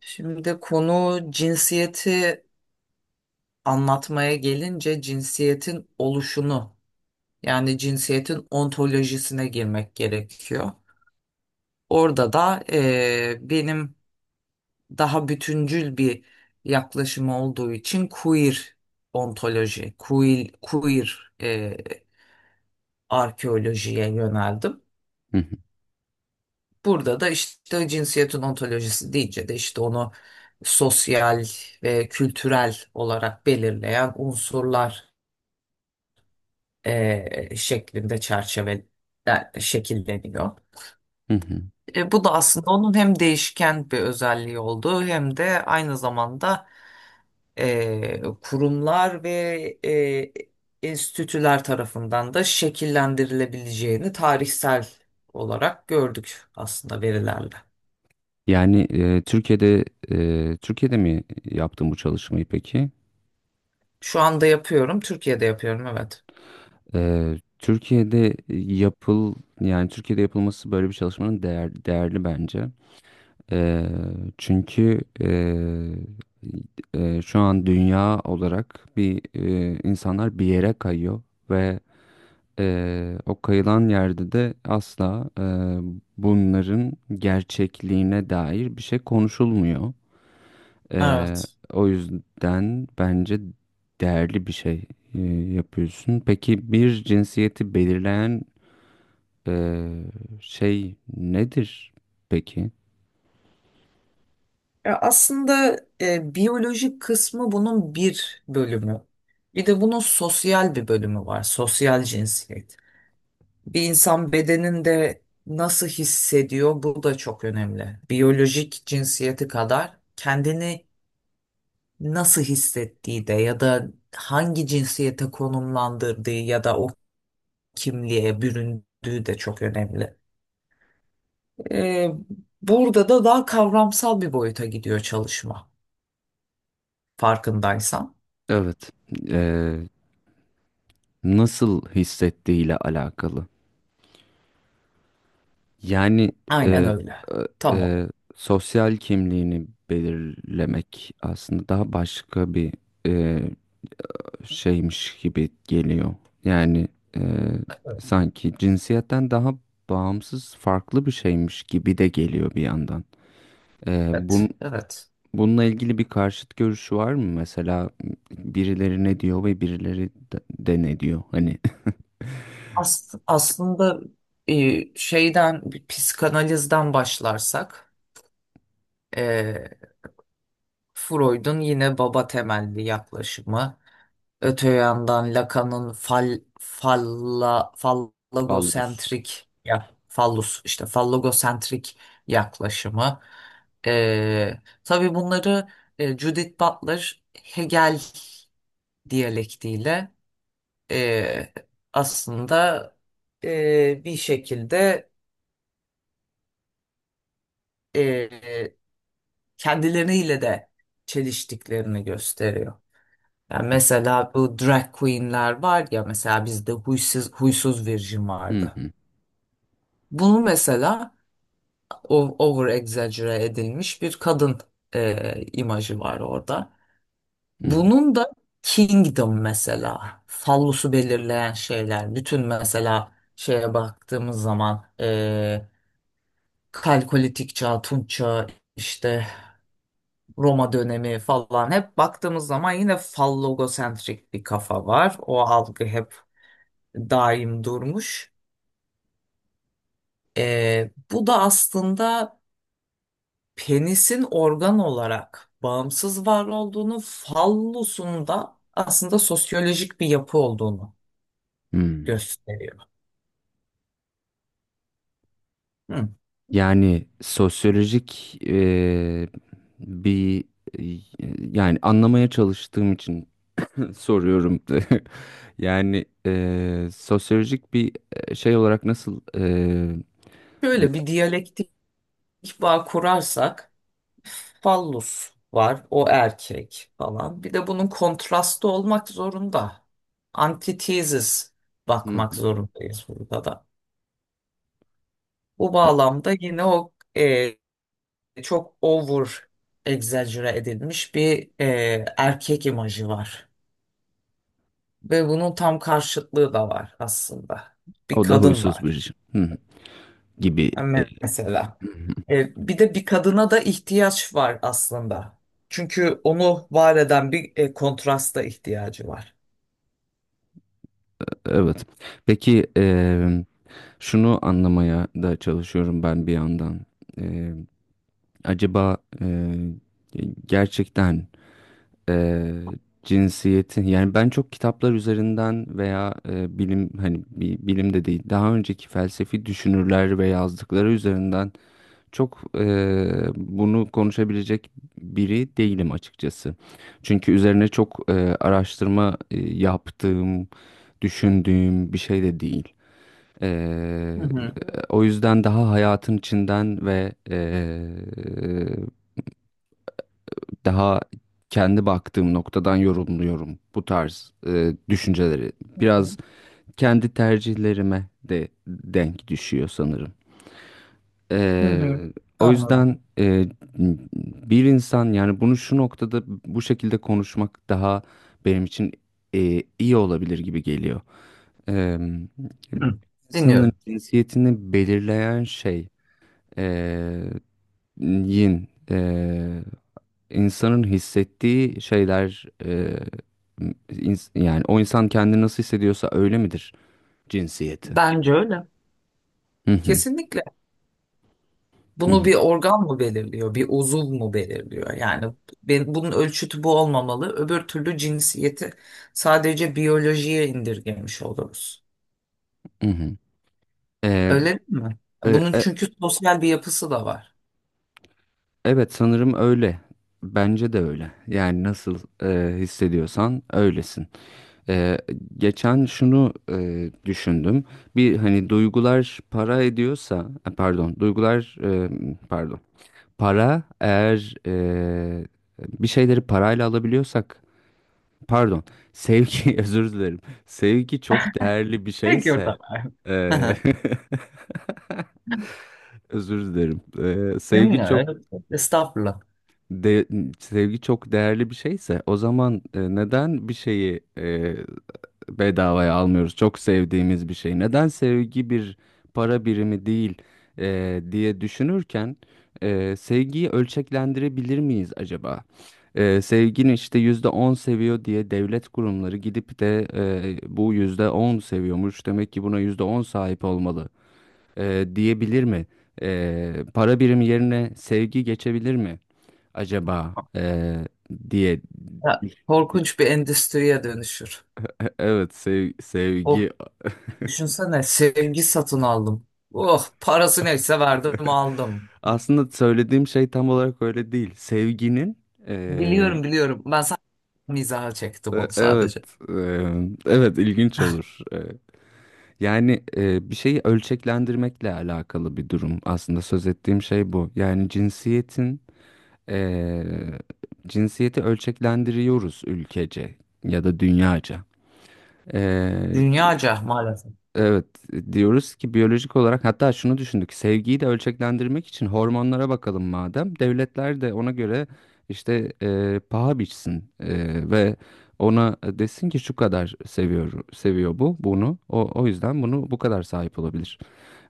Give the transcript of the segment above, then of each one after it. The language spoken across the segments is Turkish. Şimdi konu cinsiyeti anlatmaya gelince cinsiyetin oluşunu yani cinsiyetin ontolojisine girmek gerekiyor. Orada da benim daha bütüncül bir yaklaşım olduğu için queer ontoloji, queer, queer arkeolojiye yöneldim. Hı hı, Burada da işte cinsiyetin ontolojisi deyince de işte onu sosyal ve kültürel olarak belirleyen unsurlar şeklinde çerçeve şekilleniyor. hı hı. Bu da aslında onun hem değişken bir özelliği olduğu hem de aynı zamanda kurumlar ve enstitüler tarafından da şekillendirilebileceğini tarihsel olarak gördük aslında verilerle. Yani Türkiye'de Türkiye'de mi yaptın bu çalışmayı peki? Şu anda yapıyorum, Türkiye'de yapıyorum, evet. E, Türkiye'de yapıl yani Türkiye'de yapılması böyle bir çalışmanın değer, değerli bence. E, Çünkü şu an dünya olarak bir insanlar bir yere kayıyor ve o kayılan yerde de asla bunların gerçekliğine dair bir şey konuşulmuyor. Ee, Evet. O yüzden bence değerli bir şey e, yapıyorsun. Peki bir cinsiyeti belirleyen e, şey nedir peki? Ya aslında biyolojik kısmı bunun bir bölümü. Bir de bunun sosyal bir bölümü var. Sosyal cinsiyet. Bir insan bedeninde nasıl hissediyor, bu da çok önemli. Biyolojik cinsiyeti kadar kendini nasıl hissettiği de ya da hangi cinsiyete konumlandırdığı ya da o kimliğe büründüğü de çok önemli. E, Burada da daha kavramsal bir boyuta gidiyor çalışma, farkındaysan. Evet. Ee, Nasıl hissettiğiyle alakalı. Yani e, Aynen öyle. e, Tam olarak. e, sosyal kimliğini belirlemek aslında daha başka bir e, şeymiş gibi geliyor. Yani e, sanki cinsiyetten daha bağımsız farklı bir şeymiş gibi de geliyor bir yandan. E, bun, Evet. Evet. Bununla ilgili bir karşıt görüşü var mı? Mesela birileri ne diyor ve birileri de ne diyor? Hani Aslında şeyden, bir psikanalizden başlarsak e, Freud'un yine baba temelli yaklaşımı. Öte yandan Lacan'ın ballus. fallogosentrik, ya fallus, işte fallogosentrik yaklaşımı. Tabii bunları Judith Butler Hegel diyalektiyle e, aslında bir şekilde e, kendileriyle de çeliştiklerini gösteriyor. Yani mesela bu drag queenler var ya, mesela bizde huysuz virgin Hı vardı. hı, Bunu mesela over exaggerate edilmiş bir kadın imajı var orada. hı hı, Bunun da kingdom mesela fallosu belirleyen şeyler bütün, mesela şeye baktığımız zaman Kalkolitik çağ, Tunç çağı, işte Roma dönemi falan, hep baktığımız zaman yine fallogosentrik bir kafa var. O algı hep daim durmuş. Bu da aslında penisin organ olarak bağımsız var olduğunu, fallusun da aslında sosyolojik bir yapı olduğunu hı. gösteriyor. Hı. Yani sosyolojik bir e, yani anlamaya çalıştığım için soruyorum. Yani sosyolojik bir şey olarak nasıl e, Böyle bir diyalektik bağ kurarsak, fallus var. O erkek falan. Bir de bunun kontrastı olmak zorunda. Antithesis hı bakmak hı, zorundayız burada da. Bu e, bağlamda yine o çok over egzajere edilmiş bir erkek imajı var. Ve bunun tam karşıtlığı da var aslında. Bir o da kadın huysuz bir var. şey. Hı hı, gibi. e, hı Yani mesela. hı. Bir de bir kadına da ihtiyaç var aslında. Çünkü onu var eden bir kontrasta ihtiyacı var. Evet. Peki şunu anlamaya da çalışıyorum ben bir yandan. Eee, Acaba gerçekten e, cinsiyetin yani ben çok kitaplar üzerinden veya bilim hani bilim de değil daha önceki felsefi düşünürler ve yazdıkları üzerinden çok bunu konuşabilecek biri değilim açıkçası. Çünkü üzerine çok araştırma yaptığım, düşündüğüm bir şey de değil. E, Hı hı. O yüzden daha hayatın içinden ve daha kendi baktığım noktadan yorumluyorum bu tarz düşünceleri. Biraz kendi tercihlerime de denk düşüyor sanırım. Hı hı. Ee, O Anladım. yüzden bir insan yani bunu şu noktada bu şekilde konuşmak daha benim için iyi olabilir gibi geliyor. Ee, Hı. insanın Dinliyorum. cinsiyetini belirleyen şey e, yin. e, insanın hissettiği şeyler yani o insan kendini nasıl hissediyorsa öyle midir cinsiyeti? Bence öyle. Hı hı, Kesinlikle. hı Bunu hı. bir organ mı belirliyor, bir uzuv mu belirliyor? Yani ben, bunun ölçütü bu olmamalı. Öbür türlü cinsiyeti sadece biyolojiye indirgemiş oluruz. Hı hı. E, Öyle değil mi? e, Bunun e, çünkü sosyal bir yapısı da var. evet sanırım öyle. Bence de öyle. Yani nasıl hissediyorsan öylesin. E, Geçen şunu düşündüm. Bir hani duygular para ediyorsa, pardon, duygular pardon. Para eğer bir şeyleri parayla alabiliyorsak pardon sevgi özür dilerim. Sevgi çok değerli bir Gerekiyor şeyse tabii. eee, özür dilerim. Sevgi çok Bilmiyorum. Estağfurullah. de, sevgi çok değerli bir şeyse o zaman neden bir şeyi bedavaya almıyoruz? Çok sevdiğimiz bir şey. Neden sevgi bir para birimi değil diye düşünürken sevgiyi ölçeklendirebilir miyiz acaba? Sevgini işte yüzde on seviyor diye devlet kurumları gidip de bu yüzde on seviyormuş demek ki buna yüzde on sahip olmalı diyebilir mi? Para birimi yerine sevgi geçebilir mi acaba diye. Ya, korkunç bir endüstriye dönüşür. Evet, Of, sevgi. düşünsene, sevgi satın aldım. Oh, parası neyse verdim aldım. Aslında söylediğim şey tam olarak öyle değil. Sevginin Biliyorum, biliyorum. Ben mizaha çektim onu evet sadece. e, evet ilginç olur. Yani bir şeyi ölçeklendirmekle alakalı bir durum. Aslında söz ettiğim şey bu. Yani cinsiyetin Eee, cinsiyeti ölçeklendiriyoruz ülkece ya da dünyaca. Eee, Dünyaca maalesef. evet, diyoruz ki biyolojik olarak hatta şunu düşündük sevgiyi de ölçeklendirmek için hormonlara bakalım madem devletler de ona göre işte paha biçsin, ve ona desin ki şu kadar seviyor seviyor bu bunu o yüzden bunu bu kadar sahip olabilir.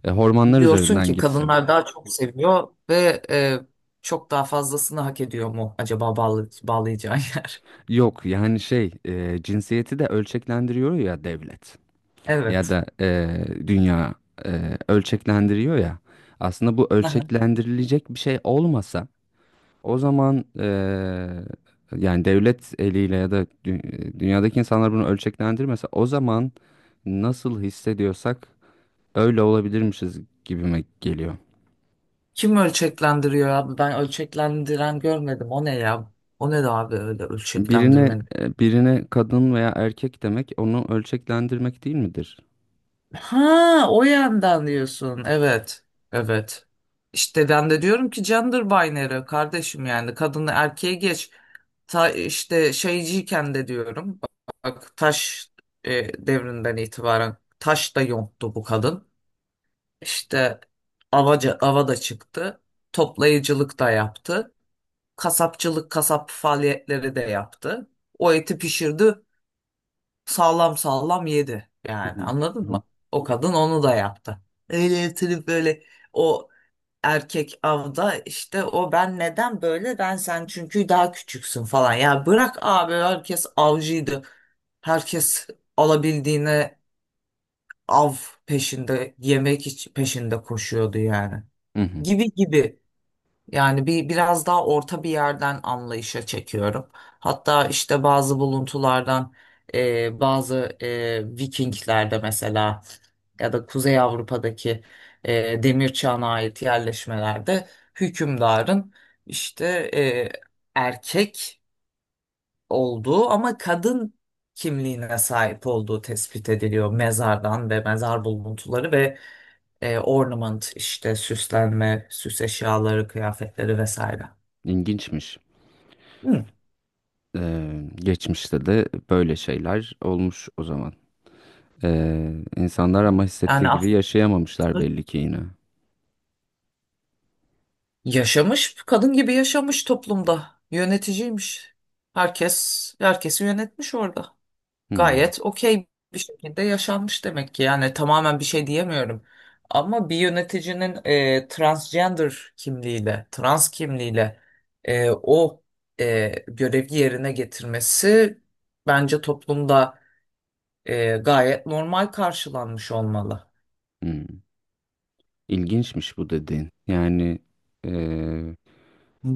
Hormonlar Diyorsun üzerinden ki gitsin. kadınlar daha çok seviyor ve çok daha fazlasını hak ediyor mu acaba, bağlayacağın yer? Yok yani şey cinsiyeti de ölçeklendiriyor ya devlet. Ya Evet. da dünya ölçeklendiriyor ya. Aslında bu ölçeklendirilecek bir şey olmasa o zaman yani devlet eliyle ya da dünyadaki insanlar bunu ölçeklendirmese o zaman nasıl hissediyorsak öyle olabilirmişiz gibime geliyor. Kim ölçeklendiriyor abi? Ben ölçeklendiren görmedim. O ne ya? O ne de abi öyle Birine ölçeklendirmenin? Birine kadın veya erkek demek onu ölçeklendirmek değil midir? Ha, o yandan diyorsun. Evet. Evet. İşte ben de diyorum ki gender binary kardeşim, yani kadını erkeğe geç. Ta, işte şeyciyken de diyorum. Bak, taş devrinden itibaren taş da yonttu bu kadın. İşte ava da çıktı. Toplayıcılık da yaptı. Kasapçılık, kasap faaliyetleri de yaptı. O eti pişirdi, sağlam sağlam yedi. Hı Yani hı, anladın hı hı. mı? O kadın onu da yaptı. Öyle yatırıp böyle o erkek avda, işte o ben neden böyle, ben sen çünkü daha küçüksün falan. Ya bırak abi, herkes avcıydı. Herkes alabildiğine av peşinde, peşinde koşuyordu yani. Hı hı. Gibi gibi. Yani bir biraz daha orta bir yerden anlayışa çekiyorum. Hatta işte bazı buluntulardan bazı Vikinglerde mesela ya da Kuzey Avrupa'daki Demir Çağı'na ait yerleşmelerde hükümdarın işte e, erkek olduğu ama kadın kimliğine sahip olduğu tespit ediliyor mezardan ve mezar buluntuları ve ornament, işte süslenme, süs eşyaları, kıyafetleri vesaire. İlginçmiş. Hı. Geçmişte de böyle şeyler olmuş o zaman. Ee, insanlar ama Yani hissettiği gibi aslında yaşayamamışlar belli ki yine. yaşamış, kadın gibi yaşamış toplumda. Yöneticiymiş. Herkes herkesi yönetmiş orada. Hmm, Gayet okey bir şekilde yaşanmış demek ki. Yani tamamen bir şey diyemiyorum. Ama bir yöneticinin transgender kimliğiyle, trans kimliğiyle o görevi yerine getirmesi bence toplumda gayet normal karşılanmış olmalı. hmm. İlginçmiş bu dediğin. Yani eee,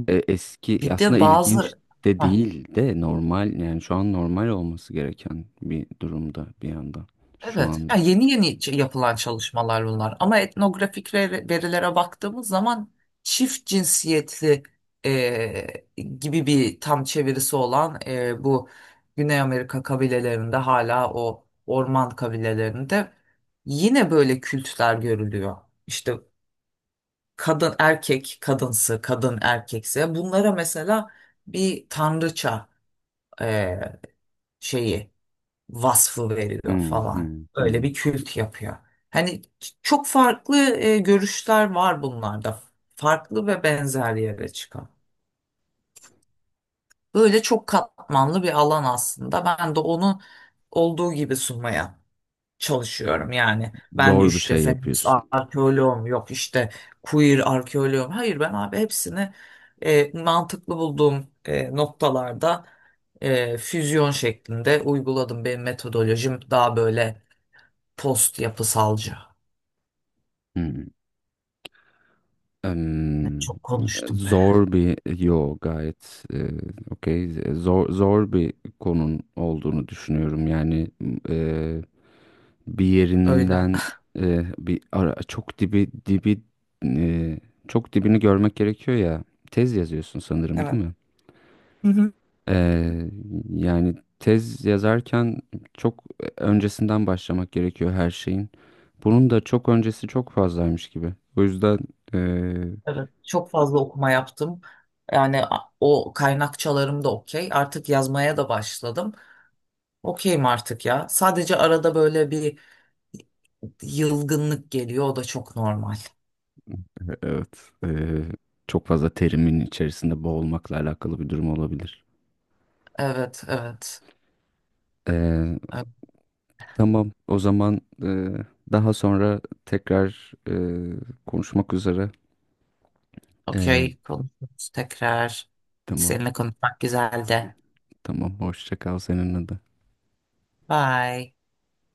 eski Bir aslında de ilginç bazı... de Hah, değil de normal yani şu an normal olması gereken bir durumda bir yandan şu evet, anda. ya yeni yeni yapılan çalışmalar bunlar. Ama etnografik verilere baktığımız zaman çift cinsiyetli gibi bir tam çevirisi olan bu Güney Amerika kabilelerinde hala o orman kabilelerinde yine böyle kültler görülüyor. İşte kadın erkek kadınsı, kadın erkekse, bunlara mesela bir tanrıça e, şeyi, vasfı veriliyor Hmm, falan. hmm, Öyle hmm. bir kült yapıyor. Hani çok farklı görüşler var bunlarda. Farklı ve benzer yere çıkan. Böyle çok katmanlı bir alan aslında. Ben de onu olduğu gibi sunmaya çalışıyorum. Yani ben Zor bir işte şey feminist yapıyorsun. arkeoloğum, yok işte queer arkeoloğum. Hayır ben abi hepsini mantıklı bulduğum noktalarda füzyon şeklinde uyguladım. Benim metodolojim daha böyle post yapısalcı. Hmm. Ne Em, çok konuştum be. Zor bir yo gayet okey zor zor bir konun olduğunu düşünüyorum yani bir Öyle. yerinden bir ara, çok dibi dibi e, çok dibini görmek gerekiyor ya. Tez yazıyorsun sanırım değil Evet. mi? Hı hı. E, Yani tez yazarken çok öncesinden başlamak gerekiyor her şeyin. Bunun da çok öncesi çok fazlaymış gibi. O yüzden e, Evet. Çok fazla okuma yaptım. Yani o kaynakçalarım da okey. Artık yazmaya da başladım. Okeyim artık ya. Sadece arada böyle bir yılgınlık geliyor. O da çok normal. evet, çok fazla terimin içerisinde boğulmakla alakalı bir durum olabilir. Evet, evet. Evet, Tamam. O zaman daha sonra tekrar konuşmak üzere. E, okey. Konuşuruz tekrar. tamam. Seninle konuşmak güzeldi. Tamam. Hoşça kal seninle de. Bye.